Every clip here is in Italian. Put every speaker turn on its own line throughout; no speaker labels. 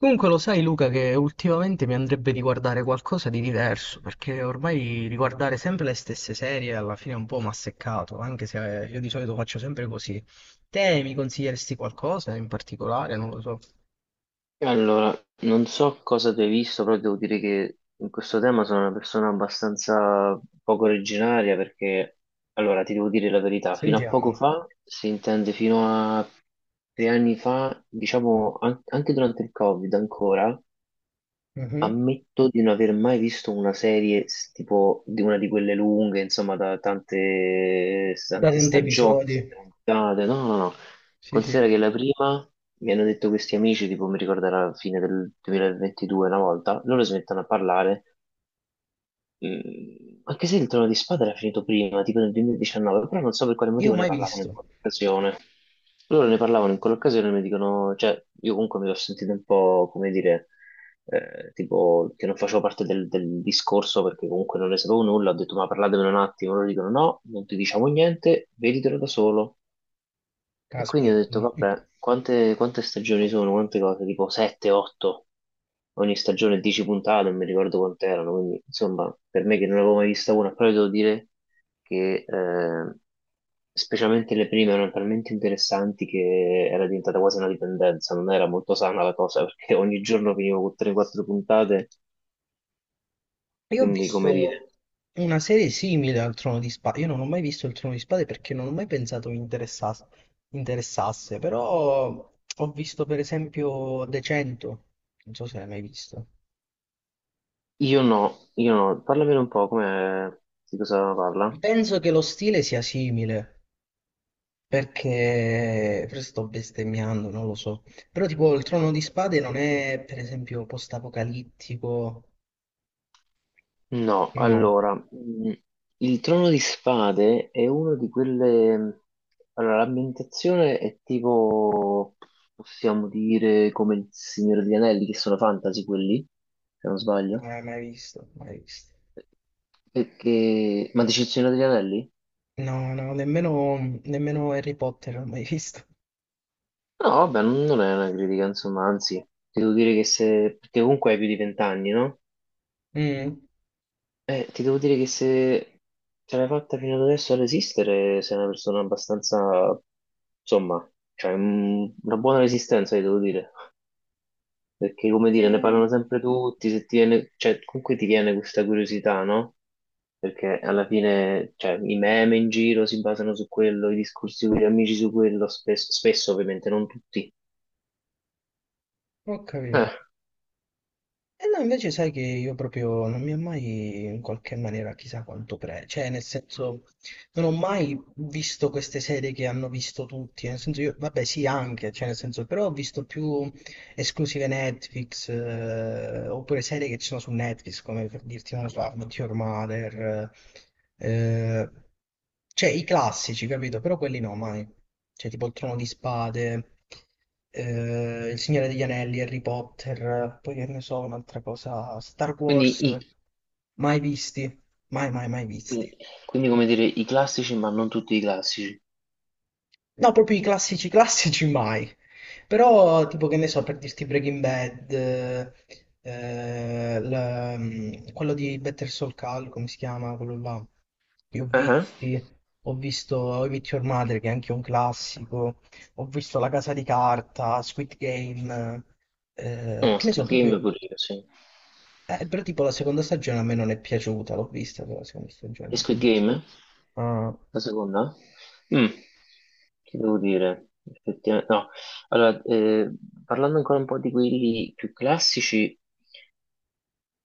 Comunque lo sai, Luca, che ultimamente mi andrebbe di guardare qualcosa di diverso, perché ormai riguardare sempre le stesse serie alla fine è un po' mi ha seccato, anche se io di solito faccio sempre così. Te mi consiglieresti qualcosa in particolare? Non lo so.
Allora, non so cosa tu hai visto, però devo dire che in questo tema sono una persona abbastanza poco originaria perché, allora, ti devo dire la verità, fino a poco
Sentiamo.
fa, si intende fino a tre anni fa, diciamo anche durante il Covid ancora,
Mhm.
ammetto di non aver mai visto una serie tipo di una di quelle lunghe, insomma, da tante,
Da
tante
tanti
stagioni,
episodi.
puntate. No, no, no.
Sì, sì.
Considera che la prima mi hanno detto questi amici, tipo mi ricordo alla fine del 2022 una volta, loro smettono a parlare. Mm, anche se il Trono di Spada era finito prima, tipo nel 2019, però non so per quale
Io ho
motivo ne
mai
parlavano in
visto.
quell'occasione. Loro ne parlavano in quell'occasione e mi dicono, cioè, io comunque mi l'ho sentito un po', come dire, tipo, che non facevo parte del discorso perché comunque non ne sapevo nulla, ho detto, ma parlatemene un attimo, loro dicono, no, non ti diciamo niente, veditelo da solo. E quindi ho
Caspita.
detto, vabbè, quante, quante stagioni sono? Quante cose? Tipo 7, 8, ogni stagione 10 puntate, non mi ricordo quante erano, quindi insomma, per me che non avevo mai vista una, però devo dire che specialmente le prime erano talmente interessanti che era diventata quasi una dipendenza, non era molto sana la cosa, perché ogni giorno finivo con 3-4 puntate,
Io ho
quindi
visto
come dire,
una serie simile al Trono di Spade. Io non ho mai visto il Trono di Spade perché non ho mai pensato mi interessasse, però ho visto per esempio The 100, non so se l'hai mai visto.
io no, parlamene un po', come, di cosa parla?
Penso che lo stile sia simile, perché forse sto bestemmiando, non lo so. Però tipo il Trono di Spade non è per esempio post-apocalittico.
No,
No,
allora, il Trono di Spade è uno di quelle... Allora, l'ambientazione è tipo, possiamo dire, come il Signore degli Anelli, che sono fantasy quelli, se non
non
sbaglio.
l'hai mai visto, mai visto.
Perché... Ma dici il Signore degli Anelli?
No, no, nemmeno Harry Potter l'ho mai visto.
No, vabbè, non è una critica, insomma, anzi, devo dire che se... Perché comunque hai più di vent'anni, no?
Mm.
Ti devo dire che se ce l'hai fatta fino ad adesso a resistere, sei una persona abbastanza, insomma, cioè, una buona resistenza, ti devo dire. Perché, come dire, ne
Eh,
parlano sempre tutti, se ti viene, cioè, comunque ti viene questa curiosità, no? Perché alla fine, cioè, i meme in giro si basano su quello, i discorsi con gli amici su quello, spesso, spesso ovviamente, non tutti.
ho capito.
Eh,
E no, invece sai che io proprio non mi ha mai in qualche maniera chissà quanto pre... Cioè, nel senso, non ho mai visto queste serie che hanno visto tutti. Nel senso, io, vabbè, sì, anche, cioè, nel senso, però ho visto più esclusive Netflix, oppure serie che ci sono su Netflix, come per dirti, non lo so, How I Met Your Mother, eh, cioè i classici, capito? Però quelli no, mai. Cioè tipo Il Trono di Spade, Il Signore degli Anelli, Harry Potter, poi che ne so, un'altra cosa, Star
quindi,
Wars,
i-
mai visti, mai visti.
quindi, come dire, i classici, ma non tutti i classici.
No, proprio i classici classici mai. Però, tipo, che ne so, per dirti Breaking Bad, quello di Better Soul Call, come si chiama, quello là. Li ho
Ah, ah.
visti, ho visto How I Met Your Mother, che è anche un classico, ho visto La Casa di Carta, Squid Game,
No,
che ne so,
Squid Game
proprio...
pure io, sì.
però tipo la seconda stagione a me non è piaciuta, l'ho vista però la seconda stagione,
E Squid
insomma.
Game?
Ah,
La seconda? Mm, che devo dire? Effettivamente, no. Allora, parlando ancora un po' di quelli più classici,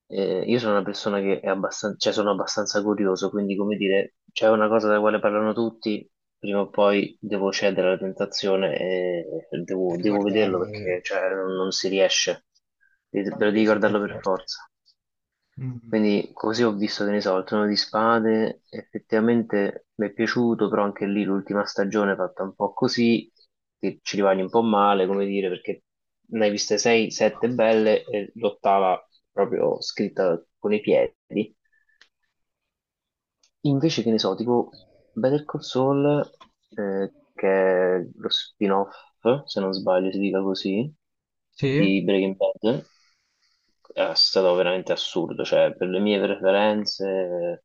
io sono una persona che è abbastanza, cioè sono abbastanza curioso, quindi come dire, c'è una cosa della quale parlano tutti, prima o poi devo cedere alla tentazione e devo,
e
devo
guardavo,
vederlo perché cioè, non si riesce,
la
devo di
curiosità è
guardarlo per
forte.
forza. Quindi così ho visto, che ne so, il Trono di Spade, effettivamente mi è piaciuto, però anche lì l'ultima stagione è fatta un po' così, che ci rimani un po' male, come dire, perché ne hai viste 6, 7 belle e l'ottava proprio scritta con i piedi. Invece che ne so, tipo Better Call Saul, che è lo spin-off, se non sbaglio si dica così,
Sì.
di Breaking Bad, è stato veramente assurdo, cioè per le mie preferenze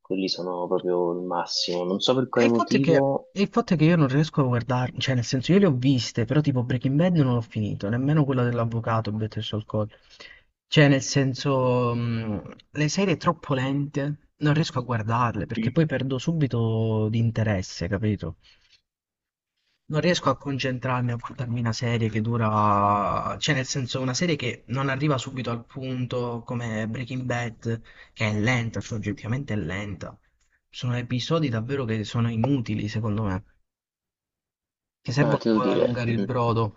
quelli sono proprio il massimo. Non so per
E
quale
il fatto è che,
motivo.
e il fatto è che io non riesco a guardarmi, cioè nel senso io le ho viste, però tipo Breaking Bad non l'ho finito, nemmeno quella dell'avvocato Better Saul Saul. Cioè nel senso le serie troppo lente, non riesco a guardarle perché
Mm.
poi perdo subito di interesse, capito? Non riesco a concentrarmi a guardarmi una serie che dura, cioè nel senso una serie che non arriva subito al punto come Breaking Bad, che è lenta, cioè oggettivamente è lenta. Sono episodi davvero che sono inutili, secondo me, che
Ah,
servono
ti
un po'
devo
ad
dire,
allungare il brodo.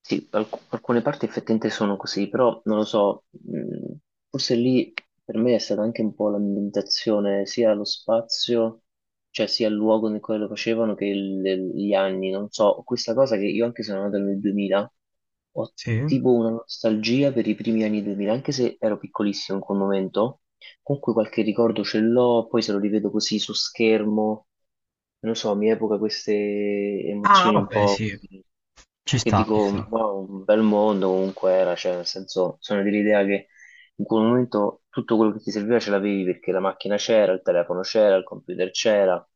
sì, alcune parti effettivamente sono così, però non lo so, forse lì per me è stata anche un po' l'ambientazione, sia lo spazio, cioè sia il luogo nel quale lo facevano che gli anni, non so, questa cosa che io anche se sono nato nel 2000, ho
Sì.
tipo una nostalgia per i primi anni 2000, anche se ero piccolissimo in quel momento. Comunque qualche ricordo ce l'ho, poi se lo rivedo così su schermo, non lo so, mi evoca queste
Ah,
emozioni un
vabbè,
po'
sì,
così,
ci
che
sta, ci
dico,
sta.
wow, un bel mondo comunque era, cioè nel senso, sono dell'idea che in quel momento tutto quello che ti serviva ce l'avevi perché la macchina c'era, il telefono c'era, il computer c'era,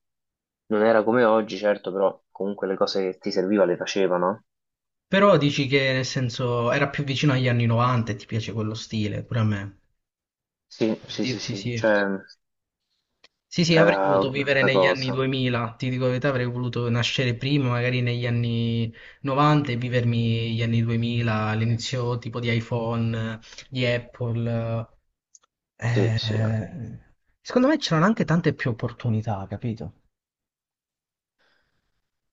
non era come oggi, certo, però comunque le cose che ti serviva le facevano.
Però dici che nel senso era più vicino agli anni 90 e ti piace quello stile, pure a me.
Sì,
Per
sì, sì,
dirti
sì,
sì.
cioè
Sì, sì, avrei
era
voluto vivere
un'altra
negli anni
cosa.
2000, ti dico la verità, avrei voluto nascere prima, magari negli anni 90 e vivermi gli anni 2000, l'inizio tipo di iPhone, di Apple.
Sì, sì.
Eh, secondo me c'erano anche tante più opportunità, capito?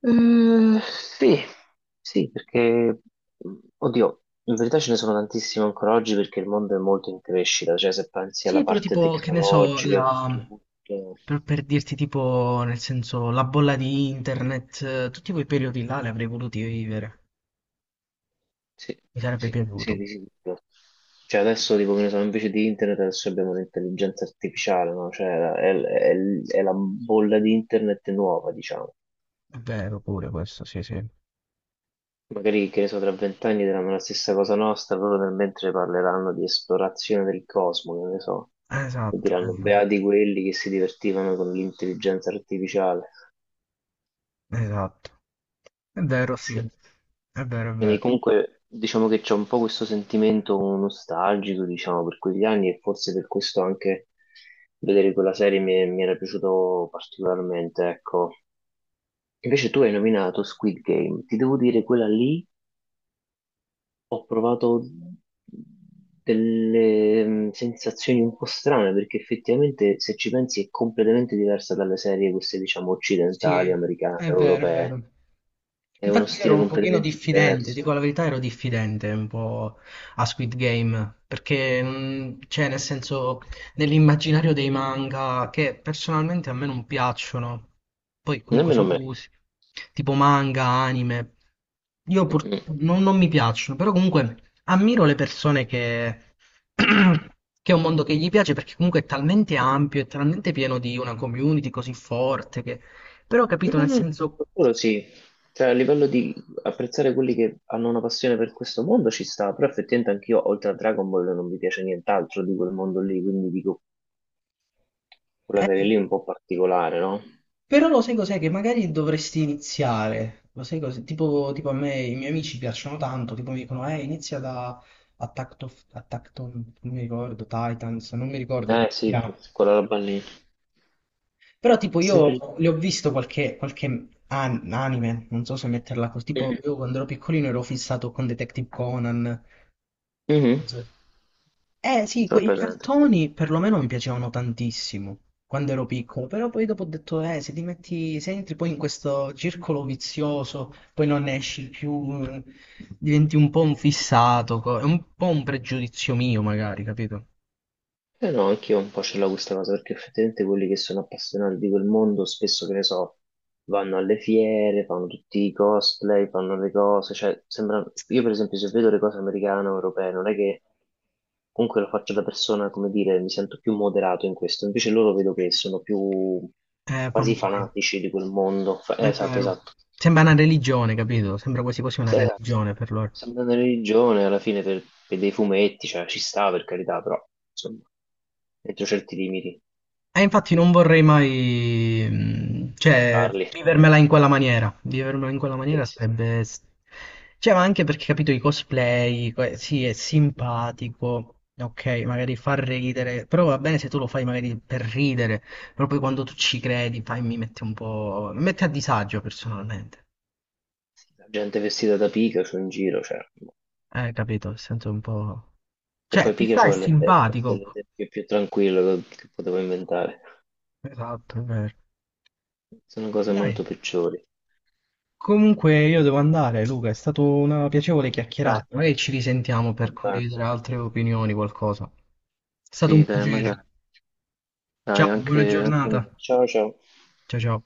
Sì, sì, perché, mh, oddio, in verità ce ne sono tantissime ancora oggi perché il mondo è molto in crescita, cioè se pensi alla
Sì, però
parte
tipo, che ne so,
tecnologica e
la...
tutto,
Per dirti tipo, nel senso, la bolla di internet, tutti quei periodi là li avrei voluti vivere,
sì,
mi sarebbe
sì, sì,
piaciuto.
di sicuro. Cioè adesso, tipo, che ne so, invece di internet adesso abbiamo l'intelligenza artificiale, no? È la bolla di internet nuova, diciamo.
È vero pure questo, sì, sì.
Magari, che ne so, tra vent'anni diranno la stessa cosa nostra, loro nel mentre parleranno di esplorazione del cosmo, che ne so, e
Esatto,
diranno beati quelli che si divertivano con l'intelligenza artificiale.
esatto. È vero, sì.
Sì.
È vero, è
Quindi
vero.
comunque diciamo che c'è un po' questo sentimento nostalgico, diciamo, per quegli anni e forse per questo anche vedere quella serie mi era piaciuto particolarmente, ecco. Invece tu hai nominato Squid Game, ti devo dire quella lì ho provato delle sensazioni un po' strane perché effettivamente se ci pensi è completamente diversa dalle serie queste diciamo
Sì,
occidentali, americane,
è vero, è
europee.
vero.
È uno
Infatti io ero
stile
un pochino
completamente
diffidente, dico
diverso.
la verità, ero diffidente un po' a Squid Game, perché cioè nel senso nell'immaginario dei manga che personalmente a me non piacciono, poi comunque
Nemmeno
so
me.
gusti, tipo manga, anime, io
Mm-mm.
purtroppo non mi piacciono, però comunque ammiro le persone che... che è un mondo che gli piace perché comunque è talmente ampio, è talmente pieno di una community così forte, però capito,
No,
nel
no,
senso...
quello sì. Cioè, a livello di apprezzare quelli che hanno una passione per questo mondo ci sta, però effettivamente anch'io, oltre a Dragon Ball, non mi piace nient'altro di quel mondo lì, quindi dico, quella
Eh,
serie lì è un po' particolare, no?
però lo sai cos'è? Che magari dovresti iniziare. Lo sai cos'è? Tipo a me i miei amici piacciono tanto, tipo mi dicono, inizia da Attack on- non mi ricordo, Titans, non mi ricordo come
Eh
si
sì,
chiama.
quella roba lì.
Però tipo
Sempre... lì.
io le ho visto qualche anime, non so se metterla così, tipo
Mhm.
io quando ero piccolino ero fissato con Detective Conan.
Mhm.
Non so se eh sì,
Ce l'ho
quei
presente.
cartoni perlomeno mi piacevano tantissimo quando ero piccolo, però poi dopo ho detto, se ti metti, se entri poi in questo circolo vizioso, poi non ne esci più, diventi un po' un fissato, è un po' un pregiudizio mio magari, capito?
Eh no, anch'io un po' ce l'ho questa cosa, perché effettivamente quelli che sono appassionati di quel mondo spesso, che ne so, vanno alle fiere, fanno tutti i cosplay, fanno le cose, cioè, sembra... Io per esempio se vedo le cose americane o europee, non è che comunque lo faccio da persona, come dire, mi sento più moderato in questo, invece loro vedo che sono più quasi
Fanboy,
fanatici di quel mondo.
è
Esatto,
vero.
esatto.
Sembra una religione, capito? Sembra quasi quasi una
Cioè,
religione per loro.
sembra una religione alla fine per dei fumetti, cioè ci sta per carità, però insomma, dentro certi limiti
E infatti non vorrei mai, cioè,
parli.
vivermela in quella maniera. Vivermela in quella maniera
Sì,
sarebbe... s- Cioè, ma anche perché, capito, i cosplay, que- sì, è simpatico, ok, magari fa ridere, però va bene se tu lo fai magari per ridere, però poi quando tu ci credi, fai, mi mette un po'... mi mette a disagio personalmente.
sì, la gente vestita da Pikachu in giro, cioè.
Capito, sento un po'...
E
Cioè,
poi
chissà,
Pikachu
è
forse è
simpatico.
l'esempio più tranquillo che potevo inventare.
Esatto, è vero.
Sono cose
Dai.
molto peggiori.
Comunque io devo andare, Luca, è stata una piacevole
Dai,
chiacchierata. Magari ci risentiamo
va
per
bene.
condividere altre opinioni, qualcosa. È stato un
Sì, dai,
piacere.
magari. Dai,
Ciao, buona
anche a
giornata.
me. Ciao, ciao.
Ciao, ciao.